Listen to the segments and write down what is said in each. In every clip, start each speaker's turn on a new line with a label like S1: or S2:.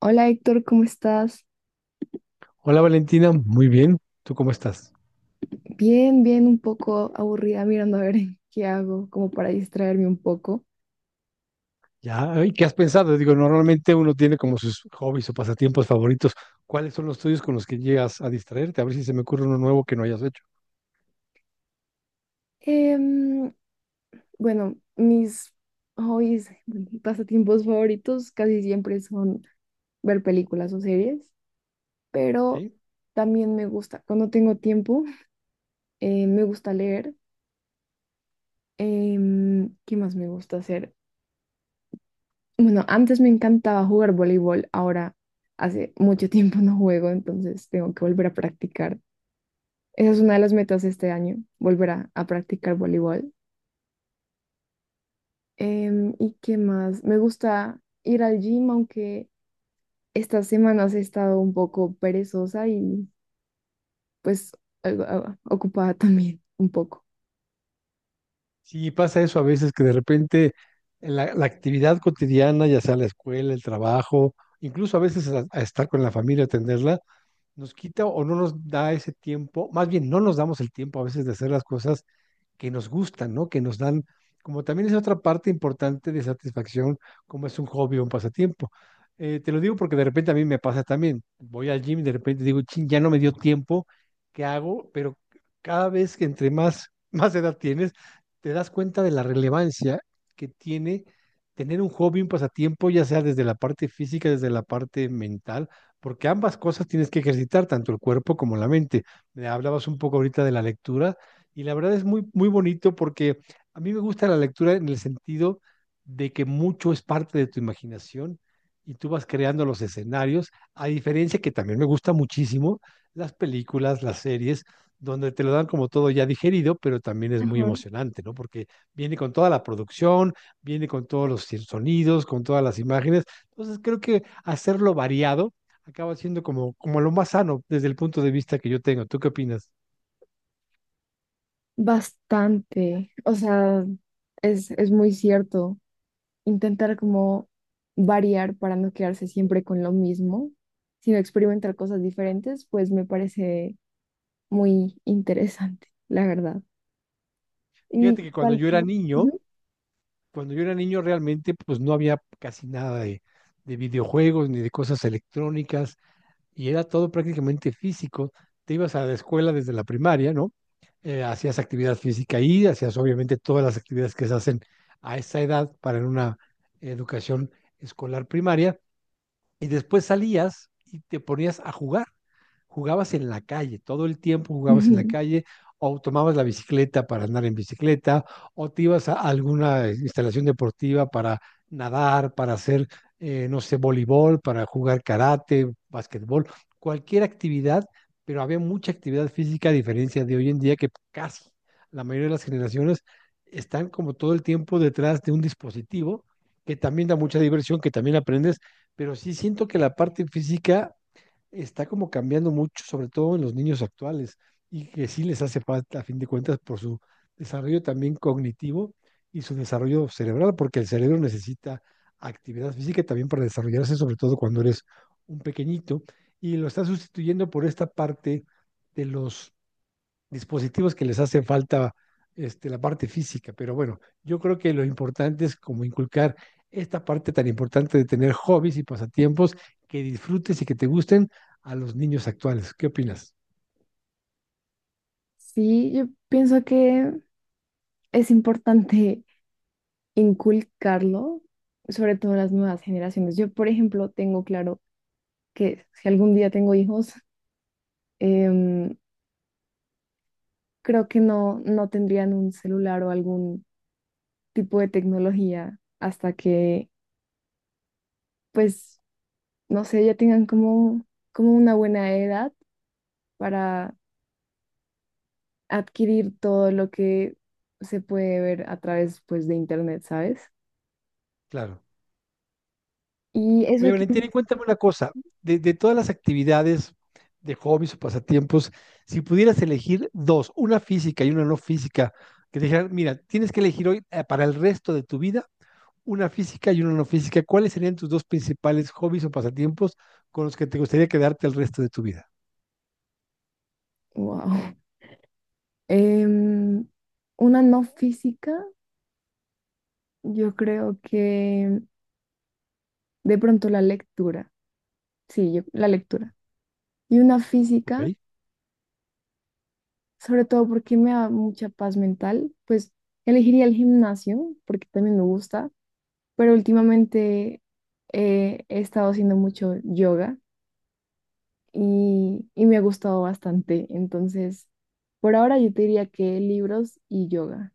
S1: Hola Héctor, ¿cómo estás?
S2: Hola Valentina, muy bien. ¿Tú cómo estás?
S1: Bien, bien, un poco aburrida mirando a ver qué hago, como para distraerme un poco.
S2: Ya, ay, ¿qué has pensado? Digo, normalmente uno tiene como sus hobbies o pasatiempos favoritos. ¿Cuáles son los tuyos con los que llegas a distraerte? A ver si se me ocurre uno nuevo que no hayas hecho.
S1: Em, bueno, mis hobbies, pasatiempos favoritos casi siempre son ver películas o series, pero
S2: ¿Sí?
S1: también me gusta, cuando tengo tiempo, me gusta leer. ¿Qué más me gusta hacer? Bueno, antes me encantaba jugar voleibol, ahora hace mucho tiempo no juego, entonces tengo que volver a practicar. Esa es una de las metas de este año, volver a practicar voleibol. ¿Y qué más? Me gusta ir al gym, aunque estas semanas he estado un poco perezosa y pues ah, ocupada también un poco.
S2: Sí, pasa eso a veces que de repente en la actividad cotidiana, ya sea la escuela, el trabajo, incluso a veces a estar con la familia, atenderla, nos quita o no nos da ese tiempo, más bien no nos damos el tiempo a veces de hacer las cosas que nos gustan, ¿no? Que nos dan, como también es otra parte importante de satisfacción, como es un hobby o un pasatiempo. Te lo digo porque de repente a mí me pasa también. Voy al gym y de repente digo, ching, ya no me dio tiempo, ¿qué hago? Pero cada vez que entre más, más edad tienes, te das cuenta de la relevancia que tiene tener un hobby, un pasatiempo, ya sea desde la parte física, desde la parte mental, porque ambas cosas tienes que ejercitar, tanto el cuerpo como la mente. Me hablabas un poco ahorita de la lectura, y la verdad es muy, muy bonito porque a mí me gusta la lectura en el sentido de que mucho es parte de tu imaginación y tú vas creando los escenarios, a diferencia que también me gusta muchísimo las películas, las series, donde te lo dan como todo ya digerido, pero también es muy
S1: Ajá.
S2: emocionante, ¿no? Porque viene con toda la producción, viene con todos los sonidos, con todas las imágenes. Entonces creo que hacerlo variado acaba siendo como lo más sano desde el punto de vista que yo tengo. ¿Tú qué opinas?
S1: Bastante. O sea, es muy cierto. Intentar como variar para no quedarse siempre con lo mismo, sino experimentar cosas diferentes, pues me parece muy interesante, la verdad.
S2: Fíjate que cuando yo era niño,
S1: Ujú.
S2: cuando yo era niño realmente pues no había casi nada de videojuegos ni de cosas electrónicas y era todo prácticamente físico. Te ibas a la escuela desde la primaria, ¿no? Hacías actividad física ahí, hacías obviamente todas las actividades que se hacen a esa edad para en una educación escolar primaria y después salías y te ponías a jugar. Jugabas en la calle, todo el tiempo jugabas en la
S1: Ujú.
S2: calle, o tomabas la bicicleta para andar en bicicleta, o te ibas a alguna instalación deportiva para nadar, para hacer, no sé, voleibol, para jugar karate, basquetbol, cualquier actividad, pero había mucha actividad física a diferencia de hoy en día que casi la mayoría de las generaciones están como todo el tiempo detrás de un dispositivo que también da mucha diversión, que también aprendes, pero sí siento que la parte física está como cambiando mucho, sobre todo en los niños actuales, y que sí les hace falta, a fin de cuentas, por su desarrollo también cognitivo y su desarrollo cerebral, porque el cerebro necesita actividad física también para desarrollarse, sobre todo cuando eres un pequeñito, y lo está sustituyendo por esta parte de los dispositivos que les hace falta la parte física, pero bueno, yo creo que lo importante es como inculcar esta parte tan importante de tener hobbies y pasatiempos que disfrutes y que te gusten a los niños actuales. ¿Qué opinas?
S1: Sí, yo pienso que es importante inculcarlo, sobre todo a las nuevas generaciones. Yo, por ejemplo, tengo claro que si algún día tengo hijos, em, creo que no tendrían un celular o algún tipo de tecnología hasta que, pues, no sé, ya tengan como, como una buena edad para adquirir todo lo que se puede ver a través, pues, de internet, ¿sabes?
S2: Claro.
S1: Y
S2: Oye,
S1: eso que...
S2: Valentina, y cuéntame una cosa. De todas las actividades de hobbies o pasatiempos, si pudieras elegir dos, una física y una no física, que te dijeran, mira, tienes que elegir hoy para el resto de tu vida una física y una no física, ¿cuáles serían tus dos principales hobbies o pasatiempos con los que te gustaría quedarte el resto de tu vida?
S1: Wow. Em, una no física, yo creo que de pronto la lectura. Sí, la lectura. Y una
S2: Ok,
S1: física,
S2: qué
S1: sobre todo porque me da mucha paz mental, pues elegiría el gimnasio porque también me gusta, pero últimamente he estado haciendo mucho yoga y me ha gustado bastante. Entonces, por ahora yo te diría que libros y yoga.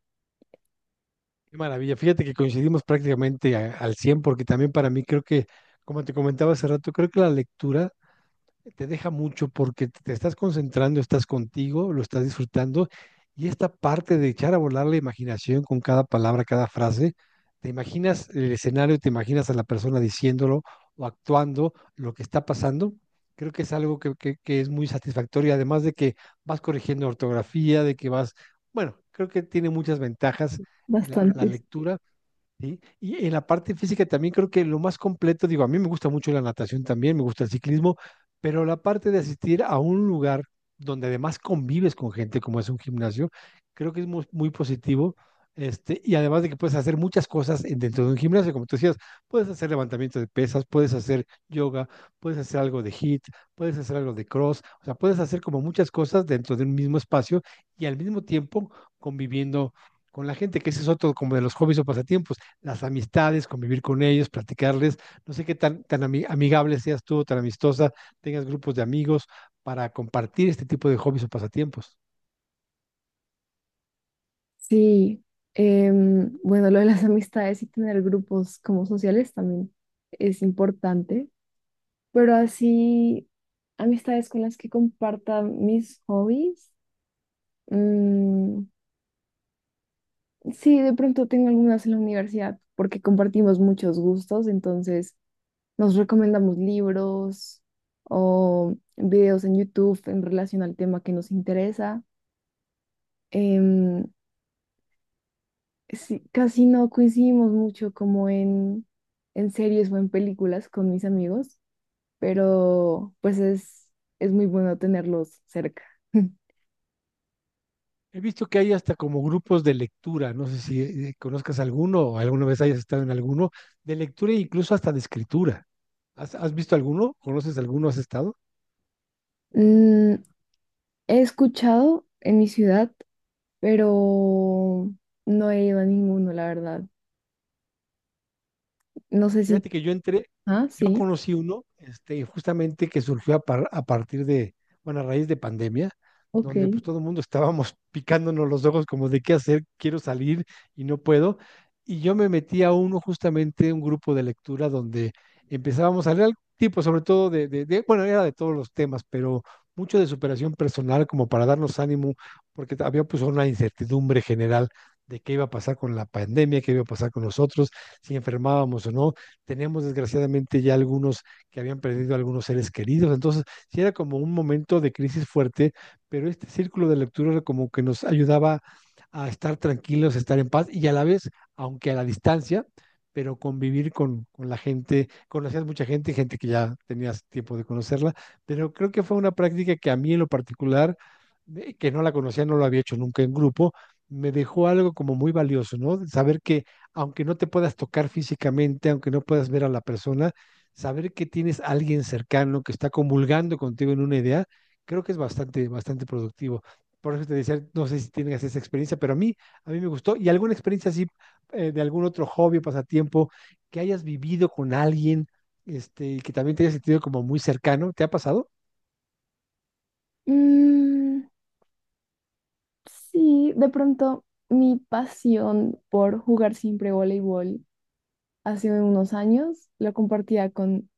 S2: maravilla. Fíjate que coincidimos prácticamente al 100 porque también para mí creo que, como te comentaba hace rato, creo que la lectura te deja mucho porque te estás concentrando, estás contigo, lo estás disfrutando y esta parte de echar a volar la imaginación con cada palabra, cada frase, te imaginas el escenario, te imaginas a la persona diciéndolo o actuando lo que está pasando. Creo que es algo que es muy satisfactorio, además de que vas corrigiendo ortografía, de que vas, bueno, creo que tiene muchas ventajas la
S1: Bastantes.
S2: lectura, ¿sí? Y en la parte física también creo que lo más completo, digo, a mí me gusta mucho la natación también, me gusta el ciclismo, pero la parte de asistir a un lugar donde además convives con gente como es un gimnasio, creo que es muy, muy positivo. Y además de que puedes hacer muchas cosas dentro de un gimnasio, como tú decías, puedes hacer levantamiento de pesas, puedes hacer yoga, puedes hacer algo de hit, puedes hacer algo de cross, o sea, puedes hacer como muchas cosas dentro de un mismo espacio y al mismo tiempo conviviendo con la gente, que ese es otro como de los hobbies o pasatiempos, las amistades, convivir con ellos, platicarles. No sé qué tan, tan amigable seas tú, tan amistosa, tengas grupos de amigos para compartir este tipo de hobbies o pasatiempos.
S1: Sí. Bueno, lo de las amistades y tener grupos como sociales también es importante, pero así amistades con las que comparta mis hobbies. mm, sí, de pronto tengo algunas en la universidad porque compartimos muchos gustos, entonces nos recomendamos libros o videos en YouTube en relación al tema que nos interesa. em, Sí, casi no coincidimos mucho como en series o en películas con mis amigos, pero pues es muy bueno tenerlos cerca.
S2: He visto que hay hasta como grupos de lectura, no sé si conozcas alguno o alguna vez hayas estado en alguno, de lectura e incluso hasta de escritura. ¿Has visto alguno? ¿Conoces alguno? ¿Has estado?
S1: Mm, He escuchado en mi ciudad, pero no he ido a ninguno, la verdad. No sé si...
S2: Fíjate que yo entré,
S1: Ah,
S2: yo
S1: sí,
S2: conocí uno, justamente que surgió a partir de, bueno, a raíz de pandemia, donde pues
S1: ok.
S2: todo el mundo estábamos picándonos los ojos como de qué hacer, quiero salir y no puedo. Y yo me metí a uno, justamente un grupo de lectura donde empezábamos a leer algún tipo, sobre todo bueno, era de todos los temas, pero mucho de superación personal como para darnos ánimo, porque había pues una incertidumbre general de qué iba a pasar con la pandemia, qué iba a pasar con nosotros, si enfermábamos o no. Teníamos desgraciadamente ya algunos que habían perdido a algunos seres queridos. Entonces, sí era como un momento de crisis fuerte, pero este círculo de lectura era como que nos ayudaba a estar tranquilos, a estar en paz y a la vez, aunque a la distancia, pero convivir con la gente, conocías mucha gente, gente que ya tenías tiempo de conocerla, pero creo que fue una práctica que a mí en lo particular, que no la conocía, no lo había hecho nunca en grupo, me dejó algo como muy valioso, ¿no? Saber que aunque no te puedas tocar físicamente, aunque no puedas ver a la persona, saber que tienes a alguien cercano que está comulgando contigo en una idea, creo que es bastante, bastante productivo. Por eso te decía, no sé si tienes esa experiencia, pero a mí me gustó. ¿Y alguna experiencia así de algún otro hobby o pasatiempo que hayas vivido con alguien, y que también te hayas sentido como muy cercano? ¿Te ha pasado?
S1: Mm, sí, de pronto mi pasión por jugar siempre voleibol hace unos años lo compartía con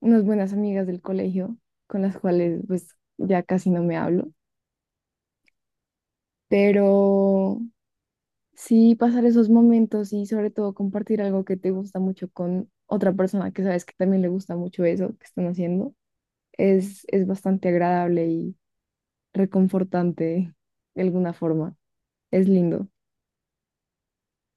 S1: unas buenas amigas del colegio, con las cuales pues ya casi no me hablo, pero sí pasar esos momentos y sobre todo compartir algo que te gusta mucho con otra persona que sabes que también le gusta mucho eso que están haciendo, es bastante agradable y reconfortante de alguna forma. Es lindo,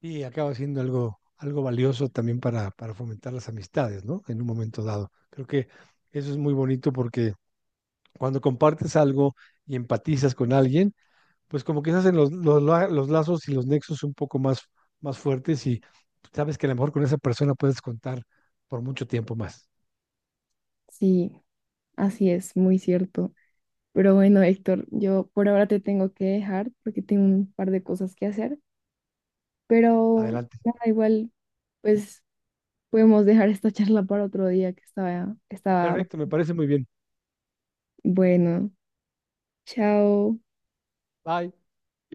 S2: Y acaba siendo algo, algo valioso también para fomentar las amistades, ¿no? En un momento dado. Creo que eso es muy bonito porque cuando compartes algo y empatizas con alguien, pues como que se hacen los lazos y los nexos un poco más, más fuertes y sabes que a lo mejor con esa persona puedes contar por mucho tiempo más.
S1: sí, así es, muy cierto. Pero bueno, Héctor, yo por ahora te tengo que dejar porque tengo un par de cosas que hacer. Pero
S2: Adelante.
S1: nada, igual, pues podemos dejar esta charla para otro día que estaba
S2: Perfecto, me parece muy bien.
S1: bueno. Chao.
S2: Bye.